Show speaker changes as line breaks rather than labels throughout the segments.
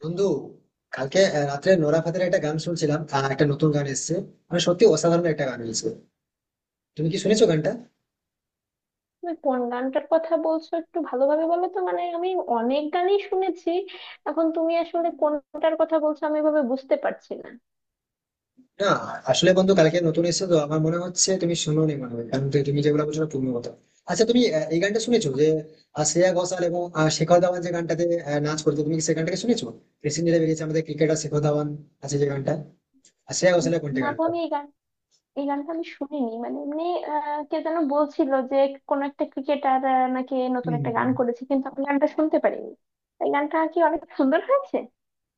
বন্ধু কালকে রাত্রে নোরা ফাতের একটা গান শুনছিলাম, একটা নতুন গান এসেছে। মানে সত্যি অসাধারণ একটা গান হয়েছে। তুমি কি শুনেছো গানটা?
তুমি কোন গানটার কথা বলছো, একটু ভালোভাবে বলো তো। মানে আমি অনেক গানই শুনেছি, এখন তুমি আসলে কোনটার কথা বলছো আমি এভাবে বুঝতে পারছি না।
না, আসলে বন্ধু কালকে নতুন এসেছে তো আমার মনে হচ্ছে তুমি শুনোনি মনে হয়, কারণ তুমি তুমি যেগুলো বলছো না পূর্ণ কথা। আচ্ছা, তুমি এই গানটা শুনেছো যে শ্রেয়া ঘোষাল এবং শেখর ধাওয়ান যে গানটাতে নাচ করতো, তুমি কি সেই গানটাকে শুনেছো? রিসেন্টলি বেরিয়েছে আমাদের ক্রিকেটার শেখর ধাওয়ান আছে যে গানটা, আর শ্রেয়া
উম,
ঘোষালের কোনটা
না গো,
গানটা।
আমি এই গান, এই গানটা আমি শুনিনি। মানে এমনি কে যেন বলছিল যে কোন একটা ক্রিকেটার নাকি
হুম,
নতুন
হুম,
একটা গান
হুম।
করেছে, কিন্তু আমি গানটা শুনতে পারিনি। এই গানটা কি অনেক সুন্দর হয়েছে?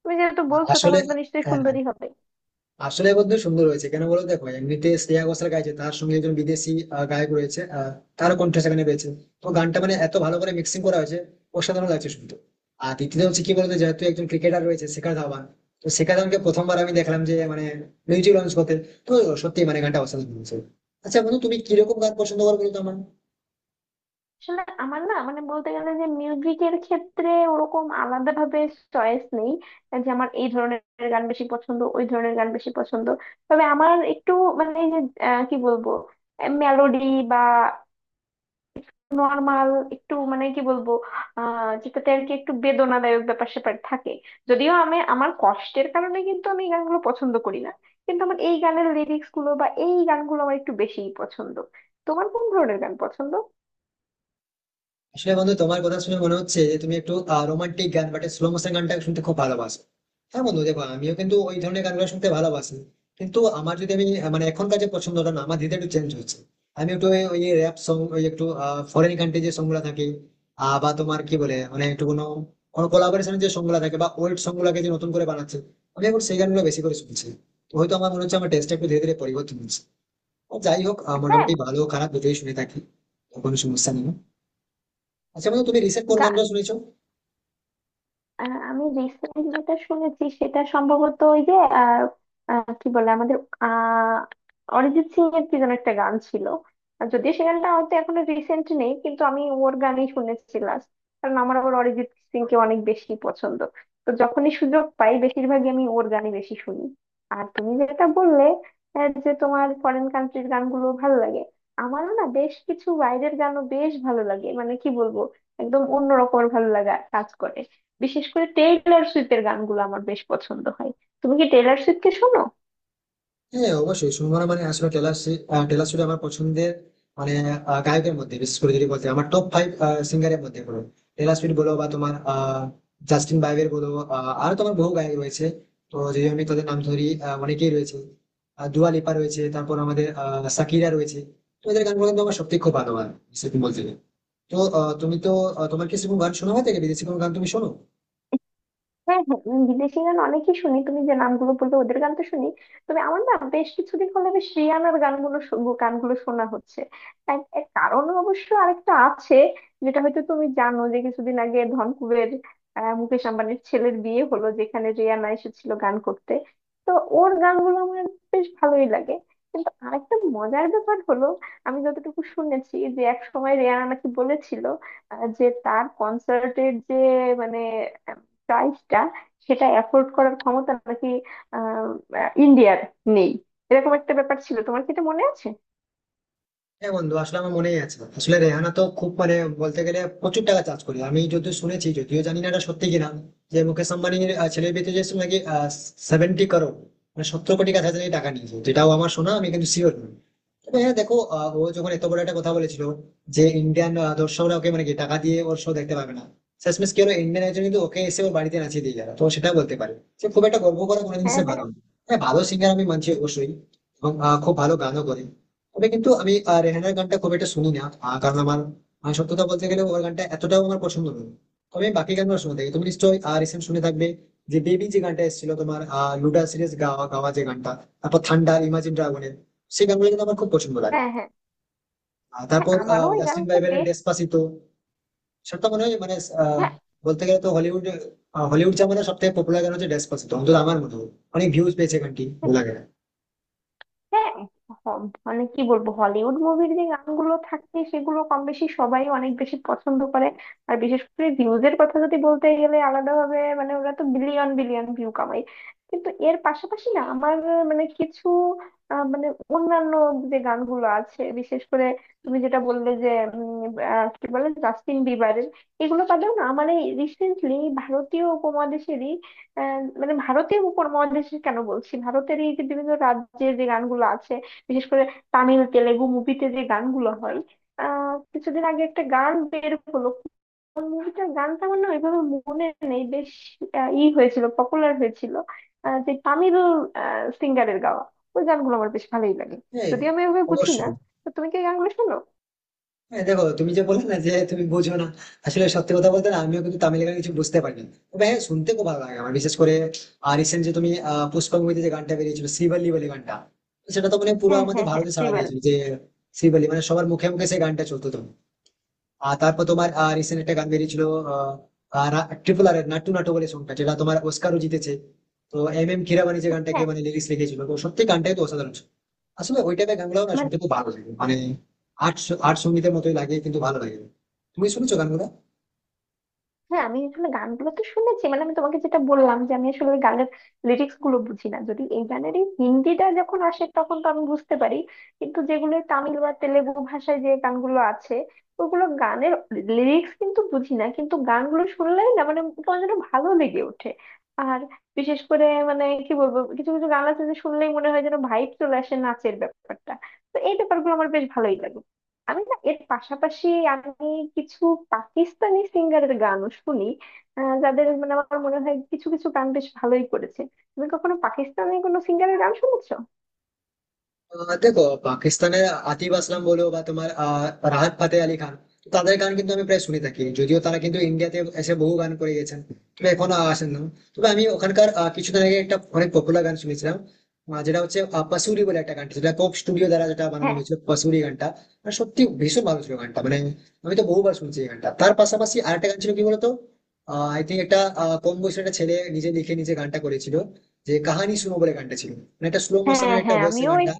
তুমি যেহেতু বলছো
আসলে
তাহলে তো নিশ্চয়ই
হ্যাঁ,
সুন্দরই হবে।
আসলে বন্ধু সুন্দর হয়েছে কেন বলো, দেখো এমনিতে শ্রেয়া ঘোষাল গাইছে, তার সঙ্গে একজন বিদেশি গায়ক রয়েছে, তারও কণ্ঠ সেখানে পেয়েছে। তো গানটা মানে এত ভালো করে মিক্সিং করা হয়েছে, অসাধারণ লাগছে শুনতে। আর দ্বিতীয় হচ্ছে কি বলতো, যেহেতু একজন ক্রিকেটার রয়েছে শেখা ধাওয়ান, তো শেখা ধাওয়ানকে প্রথমবার আমি দেখলাম যে মানে মিউজিক লঞ্চ করতে। তো সত্যি মানে গানটা অসাধারণ হয়েছে। আচ্ছা বন্ধু, তুমি কিরকম গান পছন্দ করো বলো তো আমার।
আসলে আমার না, মানে বলতে গেলে যে মিউজিকের ক্ষেত্রে ওরকম আলাদা ভাবে চয়েস নেই, যে আমার এই ধরনের গান বেশি পছন্দ ওই ধরনের গান বেশি পছন্দ। তবে আমার একটু মানে এই যে কি বলবো, মেলোডি বা নর্মাল, একটু মানে কি বলবো, যেটাতে আর কি একটু বেদনাদায়ক ব্যাপার স্যাপার থাকে। যদিও আমি আমার কষ্টের কারণে কিন্তু আমি এই গানগুলো পছন্দ করি না, কিন্তু আমার এই গানের লিরিক্স গুলো বা এই গানগুলো আমার একটু বেশিই পছন্দ। তোমার কোন ধরনের গান পছন্দ?
আসলে বন্ধু তোমার কথা শুনে মনে হচ্ছে যে তুমি একটু রোমান্টিক গান বা স্লো মোশন গানটা শুনতে খুব ভালোবাসো। হ্যাঁ বন্ধু, দেখো আমিও কিন্তু ওই ধরনের গানগুলো শুনতে ভালোবাসি। কিন্তু আমার যদি আমি মানে এখনকার যে পছন্দটা না, আমার ধীরে ধীরে একটু চেঞ্জ হচ্ছে। আমি একটু ওই র্যাপ সং, ওই একটু ফরেন কান্ট্রি যে সং গুলা থাকে, বা তোমার কি বলে মানে একটু কোনো কোনো কোলাবোরেশন যে সং গুলা থাকে বা ওল্ড সং গুলাকে যে নতুন করে বানাচ্ছে, আমি এখন সেই গানগুলো বেশি করে শুনছি। তো হয়তো আমার মনে হচ্ছে আমার টেস্টটা একটু ধীরে ধীরে পরিবর্তন হচ্ছে। আর যাই হোক
হ্যাঁ,
মোটামুটি ভালো খারাপ দুটোই শুনে থাকি, কোনো সমস্যা নেই। আচ্ছা বন্ধু, তুমি রিসেন্ট কোন গানটা
গান,
শুনেছো?
আমি রিসেন্ট যেটা শুনেছি সেটা সম্ভবত ওই যে আহ, আহ, কি বলে আমাদের আহ অরিজিৎ সিং এর কি যেন একটা গান ছিল। আর যদিও সে গানটা হয়তো এখনো রিসেন্ট নেই, কিন্তু আমি ওর গানই শুনেছি last। কারণ আমার আবার অরিজিৎ সিং কে অনেক বেশি পছন্দ, তো যখনই সুযোগ পাই বেশিরভাগই আমি ওর গানই বেশি শুনি। আর তুমি যেটা বললে যে তোমার ফরেন কান্ট্রির গানগুলো ভালো লাগে, আমারও না বেশ কিছু বাইরের গানও বেশ ভালো লাগে। মানে কি বলবো, একদম অন্যরকম ভালো লাগা কাজ করে। বিশেষ করে টেইলর সুইফটের গানগুলো আমার বেশ পছন্দ হয়। তুমি কি টেইলর সুইফটকে শোনো?
হ্যাঁ অবশ্যই, শুনবো না মানে? আসলে টেলর টেলর সুইফট আমার পছন্দের মানে গায়কের মধ্যে। বিশেষ করে যদি বলতে আমার টপ 5 সিঙ্গারের মধ্যে বলো, টেলর সুইফট বলো বা তোমার জাস্টিন বাইবের বলো, আরো তোমার বহু গায়ক রয়েছে। তো যদি আমি তাদের নাম ধরি অনেকেই রয়েছে, দুয়া লিপা রয়েছে, তারপর আমাদের সাকিরা রয়েছে। তো এদের গানগুলো কিন্তু আমার সত্যি খুব ভালো লাগে সেরকম বলতে গেলে। তো তুমি তো তোমার কি সেরকম গান শোনা হয় থেকে বিদেশি কোনো গান তুমি শোনো?
হ্যাঁ হ্যাঁ, বিদেশি গান অনেকই শুনি, তুমি যে নামগুলো বললে ওদের গান তো শুনি। তবে আমার না বেশ কিছুদিন হলে বেশ রিয়ানার গানগুলো গানগুলো শোনা হচ্ছে। এক এক কারণ অবশ্য আরেকটা আছে, যেটা হয়তো তুমি জানো, যে কিছুদিন আগে ধনকুবের মুকেশ আম্বানির ছেলের বিয়ে হলো, যেখানে রিয়ানা এসেছিল গান করতে। তো ওর গানগুলো আমার বেশ ভালোই লাগে। কিন্তু আরেকটা মজার ব্যাপার হলো, আমি যতটুকু শুনেছি যে এক সময় রিয়ানা নাকি বলেছিল যে তার কনসার্টের যে মানে প্রাইসটা সেটা অ্যাফোর্ড করার ক্ষমতা নাকি আহ, আহ, ইন্ডিয়ার নেই। এরকম একটা ব্যাপার ছিল, তোমার কি এটা মনে আছে?
হ্যাঁ বন্ধু, আসলে আমার মনেই আছে। আসলে রেহানা তো খুব মানে বলতে গেলে প্রচুর টাকা চার্জ করে। আমি যদিও শুনেছি, যদিও জানি না এটা সত্যি কিনা, যে মুকেশ আম্বানির ছেলের বিয়েতে যে নাকি 70 করোড় মানে 70 কোটি কাছাকাছি টাকা নিয়েছে, যেটাও আমার শোনা, আমি কিন্তু শিওর নই। তবে হ্যাঁ দেখো, ও যখন এত বড় একটা কথা বলেছিল যে ইন্ডিয়ান দর্শকরা ওকে মানে কি টাকা দিয়ে ওর শো দেখতে পাবে না, শেষমেশ কি হলো ইন্ডিয়ান একজন কিন্তু ওকে এসে ওর বাড়িতে নাচিয়ে দিয়ে গেল, তো সেটা বলতে পারে যে খুব একটা গর্ব করা কোনো
হ্যাঁ
জিনিসের ভালো
হ্যাঁ
না। হ্যাঁ ভালো সিঙ্গার আমি মানছি অবশ্যই, এবং খুব ভালো গানও করে। তবে কিন্তু আমি রেহানার গানটা খুব একটা শুনি না, কারণ আমার সত্যি কথা বলতে গেলে ওর গানটা এতটাও আমার পছন্দ নয়। তবে আমি বাকি গানগুলো শুনে থাকি। তুমি নিশ্চয়ই রিসেন্ট শুনে থাকবে যে বেবি যে গানটা এসেছিল তোমার লুডা সিরিজ গাওয়া গাওয়া যে গানটা, তারপর থান্ডার ইমাজিন ড্রাগনের, সেই গানগুলো কিন্তু আমার খুব পছন্দ লাগে।
হ্যাঁ। হ্যাঁ
আর
হ্যাঁ,
তারপর
আমারও ওই
জাস্টিন
গানটা
বাইবারের
বেশ।
ডেসপাসিতো, সেটা তো মনে হয় মানে আহ,
হ্যাঁ
বলতে গেলে তো হলিউড জামানার সব থেকে পপুলার গান হচ্ছে ডেসপাসিতো, অন্তত আমার মতো। অনেক ভিউজ পেয়েছে গানটি, ভালো লাগে।
হ্যাঁ, হ- মানে কি বলবো হলিউড মুভির যে গানগুলো থাকে সেগুলো কম বেশি সবাই অনেক বেশি পছন্দ করে। আর বিশেষ করে ভিউজ এর কথা যদি বলতে গেলে আলাদাভাবে, মানে ওরা তো বিলিয়ন বিলিয়ন ভিউ কামায়। কিন্তু এর পাশাপাশি না আমার মানে কিছু মানে অন্যান্য যে গানগুলো আছে, বিশেষ করে তুমি যেটা বললে যে উম, কি বলে জাস্টিন বিবারের, এগুলো বাদেও না মানে রিসেন্টলি ভারতীয় উপমহাদেশেরই আহ, মানে ভারতীয় উপমহাদেশের কেন বলছি, ভারতের এই যে বিভিন্ন রাজ্যের যে গানগুলো আছে, বিশেষ করে তামিল তেলেগু মুভিতে যে গানগুলো হয়, কিছুদিন আগে একটা গান বের হলো। কোন মুভিটার গানটা আমার না ওইভাবে মনে নেই, বেশ ই হয়েছিল, পপুলার হয়েছিল যে তামিল সিঙ্গারের গাওয়া। ওই গানগুলো আমার বেশ ভালোই লাগে,
হ্যাঁ
যদিও আমি ওইভাবে বুঝি না।
অবশ্যই।
তো তুমি কি এই গানগুলো শোনো?
হ্যাঁ দেখো, তুমি যে বললে না যে তুমি বোঝো না, আসলে সত্যি কথা বলতে না, আমিও কিন্তু তামিল গান কিছু বুঝতে পারি না। তবে হ্যাঁ, শুনতে খুব ভালো লাগে আমার। বিশেষ করে রিসেন্ট যে তুমি পুষ্পা মুভিতে যে গানটা বেরিয়েছিল, শ্রীবল্লী বলে গানটা, সেটা তো মানে পুরো
হ্যাঁ
আমাদের
হ্যাঁ হ্যাঁ,
ভারতে সাড়া
শ্রীবাল্লি।
দিয়েছিল যে শ্রীবল্লী মানে সবার মুখে মুখে সেই গানটা চলতো। তো আর তারপর তোমার রিসেন্ট একটা গান বেরিয়েছিল ট্রিপল আর নাট্টু নাটু বলে সংখ্যা, যেটা তোমার অস্কারও জিতেছে। তো এম এম কিরাবানি যে গানটাকে মানে লিরিক্স লিখেছিল, তো সত্যি গানটাই তো অসাধারণ ছিল। আসলে ওই টাইপের গানগুলো না
হ্যাঁ
শুনতে খুব ভালো লাগে মানে আর্ট আর্ট সঙ্গীতের মতোই লাগে, কিন্তু ভালো লাগে। তুমি শুনেছো গানগুলো?
হ্যাঁ, আমি আসলে গানগুলো তো শুনেছি। মানে আমি তোমাকে যেটা বললাম যে আমি আসলে ওই গানের লিরিক্স গুলো বুঝি না, যদি এই গানেরই হিন্দিটা যখন আসে তখন তো আমি বুঝতে পারি, কিন্তু যেগুলো তামিল বা তেলেগু ভাষায় যে গানগুলো আছে ওগুলো গানের লিরিক্স কিন্তু বুঝি না। কিন্তু গানগুলো শুনলেই না মানে তোমার যেন ভালো লেগে ওঠে। আর বিশেষ করে মানে কি বলবো, কিছু কিছু গান আছে যে শুনলেই মনে হয় যেন ভাইব চলে আসে নাচের ব্যাপারটা। তো এই ব্যাপারগুলো আমার বেশ ভালোই লাগে। আমি না এর পাশাপাশি আমি কিছু পাকিস্তানি সিঙ্গারের গানও শুনি, যাদের মানে আমার মনে হয় কিছু কিছু গান বেশ ভালোই করেছে। তুমি কখনো পাকিস্তানি কোনো সিঙ্গারের গান শুনেছো?
দেখো, পাকিস্তানের আতিফ আসলাম বলো বা তোমার রাহাত ফাতে আলী খান, তো তাদের গান কিন্তু আমি প্রায় শুনে থাকি, যদিও তারা কিন্তু ইন্ডিয়াতে এসে বহু গান করে গেছেন, তবে এখনো আসেন না। তবে আমি ওখানকার কিছুদিন আগে একটা অনেক পপুলার গান শুনেছিলাম, যেটা হচ্ছে পাসুরি বলে একটা গান, সেটা কোক স্টুডিও দ্বারা যেটা বানানো
হ্যাঁ
হয়েছিল, পাসুরি গানটা। আর সত্যি ভীষণ ভালো ছিল গানটা মানে, আমি তো বহুবার শুনছি এই গানটা। তার পাশাপাশি আরেকটা গান ছিল কি বলতো, আই থিঙ্ক একটা কম বয়সের একটা ছেলে নিজে লিখে নিজে গানটা করেছিল, যে কাহানি শুনো বলে গানটা ছিল, মানে একটা স্লো
হ্যাঁ
মোশনের একটা
হ্যাঁ,
ভয়েসে
আমিও এই,
গানটা।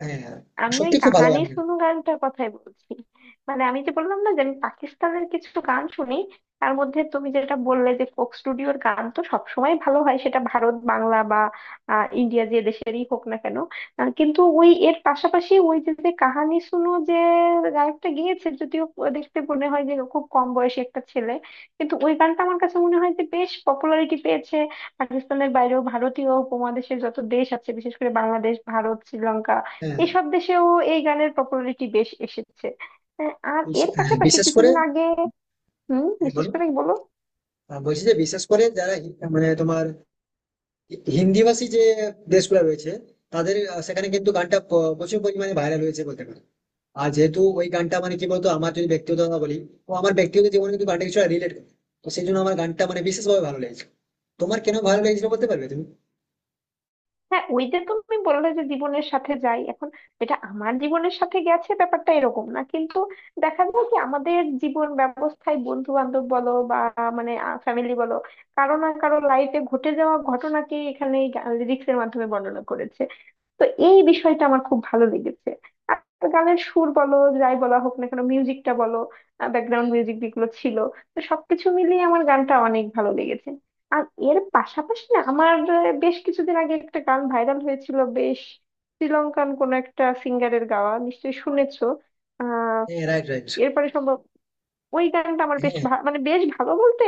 হ্যাঁ, হ্যাঁ।
আমি ওই
সত্যি খুব ভালো
কাহানি
গান গায়।
শুনু গানটার কথাই বলছি। মানে আমি যে বললাম না যে আমি পাকিস্তানের কিছু গান শুনি, তার মধ্যে তুমি যেটা বললে যে ফোক স্টুডিওর গান তো সবসময় ভালো হয়, সেটা ভারত বাংলা বা ইন্ডিয়া যে দেশেরই হোক না কেন। কিন্তু ওই এর পাশাপাশি ওই যে যে কাহানি শুনু যে গায়কটা গিয়েছে, যদিও দেখতে মনে হয় যে খুব কম বয়সী একটা ছেলে, কিন্তু ওই গানটা আমার কাছে মনে হয় যে বেশ পপুলারিটি পেয়েছে পাকিস্তানের বাইরেও। ভারতীয় উপমহাদেশের যত দেশ আছে বিশেষ করে বাংলাদেশ, ভারত, শ্রীলঙ্কা,
হ্যাঁ,
এসব দেশেও এই গানের পপুলারিটি বেশ এসেছে। আর এর
হ্যাঁ,
পাশাপাশি
বিশেষ করে।
কিছুদিন আগে, হুম,
হ্যাঁ,
বিশেষ
বলো।
করে বলো।
বলছি যে বিশেষ করে যারা মানে তোমার হিন্দিভাষী যে দেশগুলো রয়েছে, তাদের সেখানে কিন্তু গানটা প্রচুর পরিমাণে ভাইরাল হয়েছে বলতে পারো। আর যেহেতু ওই গানটা মানে কি বলতো, আমার যদি ব্যক্তিগত কথা বলি, ও আমার ব্যক্তিগত জীবনে কিন্তু গানটা কিছু রিলেট করে, তো সেই জন্য আমার গানটা মানে বিশেষভাবে ভালো লেগেছে। তোমার কেন ভালো লেগেছিল বলতে পারবে তুমি?
হ্যাঁ, ওই যে তুমি বললে যে জীবনের সাথে যাই এখন, এটা আমার জীবনের সাথে গেছে ব্যাপারটা এরকম না, কিন্তু দেখা যায় কি আমাদের জীবন ব্যবস্থায় বন্ধু বান্ধব বলো বা মানে ফ্যামিলি বলো, কারো না কারো লাইফে ঘটে যাওয়া ঘটনাকে এখানে রিক্সের মাধ্যমে বর্ণনা করেছে। তো এই বিষয়টা আমার খুব ভালো লেগেছে। আর গানের সুর বলো, যাই বলা হোক না কেন মিউজিকটা বলো, ব্যাকগ্রাউন্ড মিউজিক যেগুলো ছিল, তো সবকিছু মিলিয়ে আমার গানটা অনেক ভালো লেগেছে। আর এর পাশাপাশি না আমার বেশ কিছুদিন আগে একটা গান ভাইরাল হয়েছিল বেশ, শ্রীলঙ্কান কোন একটা সিঙ্গারের গাওয়া, নিশ্চয়ই শুনেছো। আহ
হ্যাঁ, রাইট, রাইট।
এরপরে সম্ভব, ওই গানটা আমার বেশ
হ্যাঁ
মানে বেশ ভালো বলতে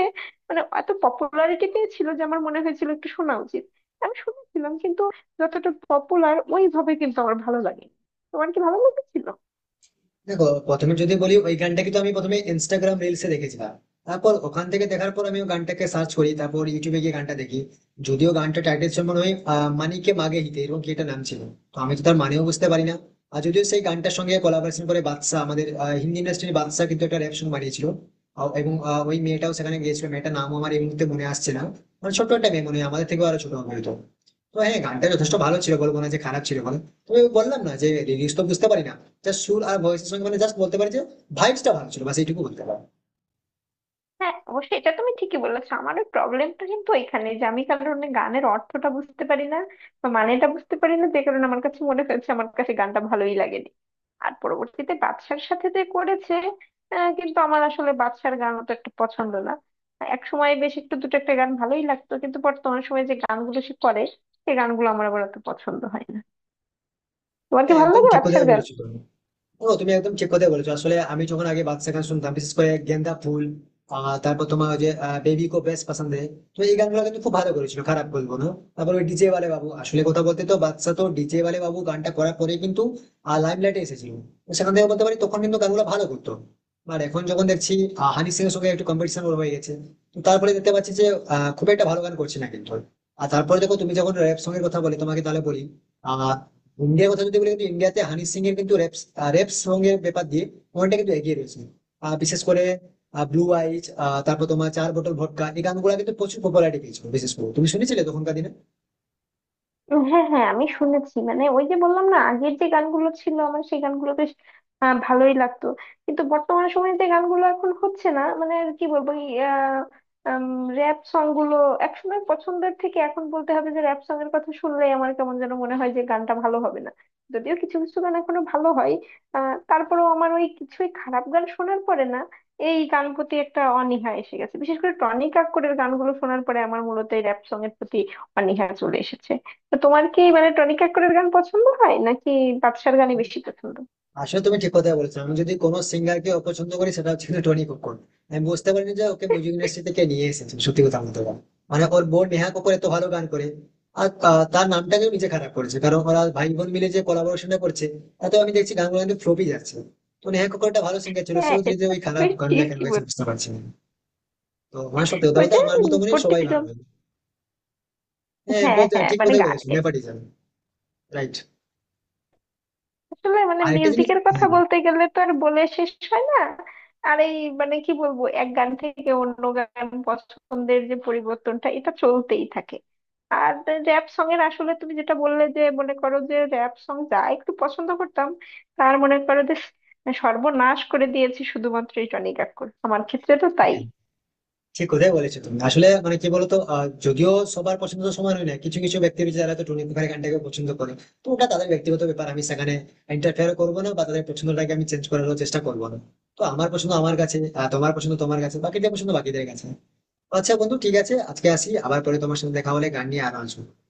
মানে এত পপুলারিটি পেয়েছিল যে আমার মনে হয়েছিল একটু শোনা উচিত। আমি শুনেছিলাম কিন্তু যতটা পপুলার ওইভাবে কিন্তু আমার ভালো লাগে। তোমার কি ভালো লেগেছিল?
দেখো, প্রথমে যদি বলি ওই গানটা কিন্তু আমি প্রথমে ইনস্টাগ্রাম রিলসে দেখেছিলাম। তারপর ওখান থেকে দেখার পর আমি ওই গানটাকে সার্চ করি, তারপর ইউটিউবে গিয়ে গানটা দেখি। যদিও গানটা টাইটেল ছিল মনে হয় মানিকে মাগে হিতে, এরকম কি একটা নাম ছিল। তো আমি তো তার মানেও বুঝতে পারি না। আর যদিও সেই গানটার সঙ্গে কোলাবোরেশন করে বাদশা, আমাদের হিন্দি ইন্ডাস্ট্রির বাদশা, কিন্তু একটা র্যাপ সং বানিয়েছিল, এবং ওই মেয়েটাও সেখানে গিয়েছিল। মেয়েটার নামও আমার এই মুহূর্তে মনে আসছে না, মানে ছোট্ট একটা মেয়ে, মনে হয় আমাদের থেকেও আরো ছোট হবে হয়তো। তো হ্যাঁ, গানটা যথেষ্ট ভালো ছিল, বলবো না যে খারাপ ছিল বলো। তবে বললাম না যে লিরিক্স তো বুঝতে পারি না, জাস্ট সুর আর ভয়েসের সঙ্গে মানে, জাস্ট বলতে পারি যে ভাইবসটা ভালো ছিল, বাস এইটুকু বলতে পারি।
হ্যাঁ অবশ্যই, এটা তুমি ঠিকই বলেছো। আমার ওই প্রবলেমটা কিন্তু এখানে যে আমি কারণে গানের অর্থটা বুঝতে পারি না বা মানেটা বুঝতে পারি না, যে কারণে আমার কাছে মনে হয়েছে আমার কাছে গানটা ভালোই লাগেনি। আর পরবর্তীতে বাদশার সাথে যে করেছে, কিন্তু আমার আসলে বাদশার গান অত একটা পছন্দ না। এক সময় বেশ একটু দুটো একটা গান ভালোই লাগতো, কিন্তু বর্তমান সময়ে যে গানগুলো সে করে সেই গানগুলো আমার আবার অত পছন্দ হয় না। তোমার কি
হ্যাঁ
ভালো
একদম
লাগে
ঠিক কথা
বাদশার গান?
বলেছো তুমি। ও, তুমি একদম ঠিক কথাই বলেছো। আসলে আমি যখন আগে বাদশা গান শুনতাম, বিশেষ করে গেন্দা ফুল, তারপর তোমার ওই যে বেবি কো বেশ পছন্দ হে, তো এই গানগুলো কিন্তু খুব ভালো করেছিল, খারাপ বলবো না। তারপর ওই ডিজে ওয়ালে বাবু, আসলে কথা বলতে তো বাদশা তো ডিজে ওয়ালে বাবু গানটা করার পরে কিন্তু লাইম লাইটে এসেছিল, তো সেখান থেকে বলতে পারি তখন কিন্তু গানগুলো ভালো করতো। আর এখন যখন দেখছি হানি সিং এর সঙ্গে একটু কম্পিটিশন ওর হয়ে গেছে, তো তারপরে দেখতে পাচ্ছি যে খুব একটা ভালো গান করছে না কিন্তু। আর তারপরে দেখো তুমি যখন র‍্যাপ সঙ্গে কথা বলে, তোমাকে তাহলে বলি আহ ইন্ডিয়ার কথা যদি বলি, কিন্তু ইন্ডিয়াতে হানি সিং এর কিন্তু রেপ রেপ সং এর ব্যাপার দিয়ে অনেকটা কিন্তু এগিয়ে রয়েছে। বিশেষ করে ব্লু আইজ, তারপর তোমার চার বোতল ভটকা, এই গানগুলো কিন্তু প্রচুর পপুলারিটি পেয়েছিল, বিশেষ করে তুমি শুনেছিলে তখনকার দিনে।
হ্যাঁ হ্যাঁ, আমি শুনেছি। মানে ওই যে বললাম না আগের যে গানগুলো ছিল আমার সেই ভালোই লাগতো, কিন্তু বর্তমান সময়ে যে গানগুলো এখন হচ্ছে না মানে আর কি বলবো, র‍্যাপ সং গুলো একসময় পছন্দের থেকে এখন বলতে হবে যে র‍্যাপ সং এর কথা শুনলেই আমার কেমন যেন মনে হয় যে গানটা ভালো হবে না। যদিও কিছু কিছু গান এখনো ভালো হয়। তারপরেও আমার ওই কিছুই খারাপ গান শোনার পরে না এই গান প্রতি একটা অনীহা এসে গেছে, বিশেষ করে টনি কাক্করের গানগুলো শোনার পরে আমার মূলত এই র‍্যাপ সং এর প্রতি অনীহা চলে এসেছে। তো তোমার কি মানে টনি কাক্করের গান পছন্দ হয় নাকি বাদশার গানই বেশি পছন্দ?
আসলে তুমি ঠিক কথাই বলেছো, আমি যদি কোনো সিঙ্গারকে অপছন্দ করি সেটা হচ্ছে কিন্তু টনি কক্কর। আমি বুঝতে পারিনি যে ওকে মিউজিক ইন্ডাস্ট্রি থেকে নিয়ে এসেছে সত্যি কথা বলতে গেলে। মানে ওর বোন নেহা কক্কর এত ভালো গান করে, আর তার নামটাকে নিজে খারাপ করেছে, কারণ ওরা ভাই বোন মিলে যে কোলাবোরেশনটা করছে তাতে আমি দেখছি গানগুলো কিন্তু ফ্লপই যাচ্ছে। তো নেহা কক্কর একটা ভালো সিঙ্গার ছিল,
হ্যাঁ,
সেও ধীরে ধীরে
এটা
ওই খারাপ
তুমি
গানগুলো কেন
ঠিকই
গেছে
বল,
বুঝতে পারছি না। তো আমার সত্যি কথা
ওই
বলতে
যে
আমার মতো মনে হয় সবাই
নেপোটিজম।
ভালো। হ্যাঁ,
হ্যাঁ
বলতে
হ্যাঁ,
ঠিক
মানে
কথাই বলেছো,
গানের
নেপাটিজম। রাইট।
আসলে মানে
আরেকটা জিনিস।
মিউজিকের কথা বলতে গেলে তো আর বলে শেষ হয় না। আর এই মানে কি বলবো, এক গান থেকে অন্য গান পছন্দের যে পরিবর্তনটা এটা চলতেই থাকে। আর র‍্যাপ সং এর আসলে তুমি যেটা বললে যে মনে করো যে র‍্যাপ সং যা একটু পছন্দ করতাম, তার মনে করো যে সর্বনাশ করে দিয়েছি শুধুমাত্র এই টনি কাকুর, আমার ক্ষেত্রে তো তাই।
হ্যাঁ ঠিক কথাই বলেছো তুমি। আসলে মানে কি বলতো, যদিও সবার পছন্দ তো সমান হয় না, কিছু কিছু ব্যক্তি রয়েছে যারা তো টুনি মুখার্জির গানটাকে পছন্দ করে, তো ওটা তাদের ব্যক্তিগত ব্যাপার, আমি সেখানে ইন্টারফেয়ার করবো না বা তাদের পছন্দটাকে আমি চেঞ্জ করার চেষ্টা করবো না। তো আমার পছন্দ আমার কাছে, তোমার পছন্দ তোমার কাছে, বাকিদের পছন্দ বাকিদের কাছে। আচ্ছা বন্ধু, ঠিক আছে, আজকে আসি, আবার পরে তোমার সাথে দেখা হলে গান নিয়ে আরো আসবো।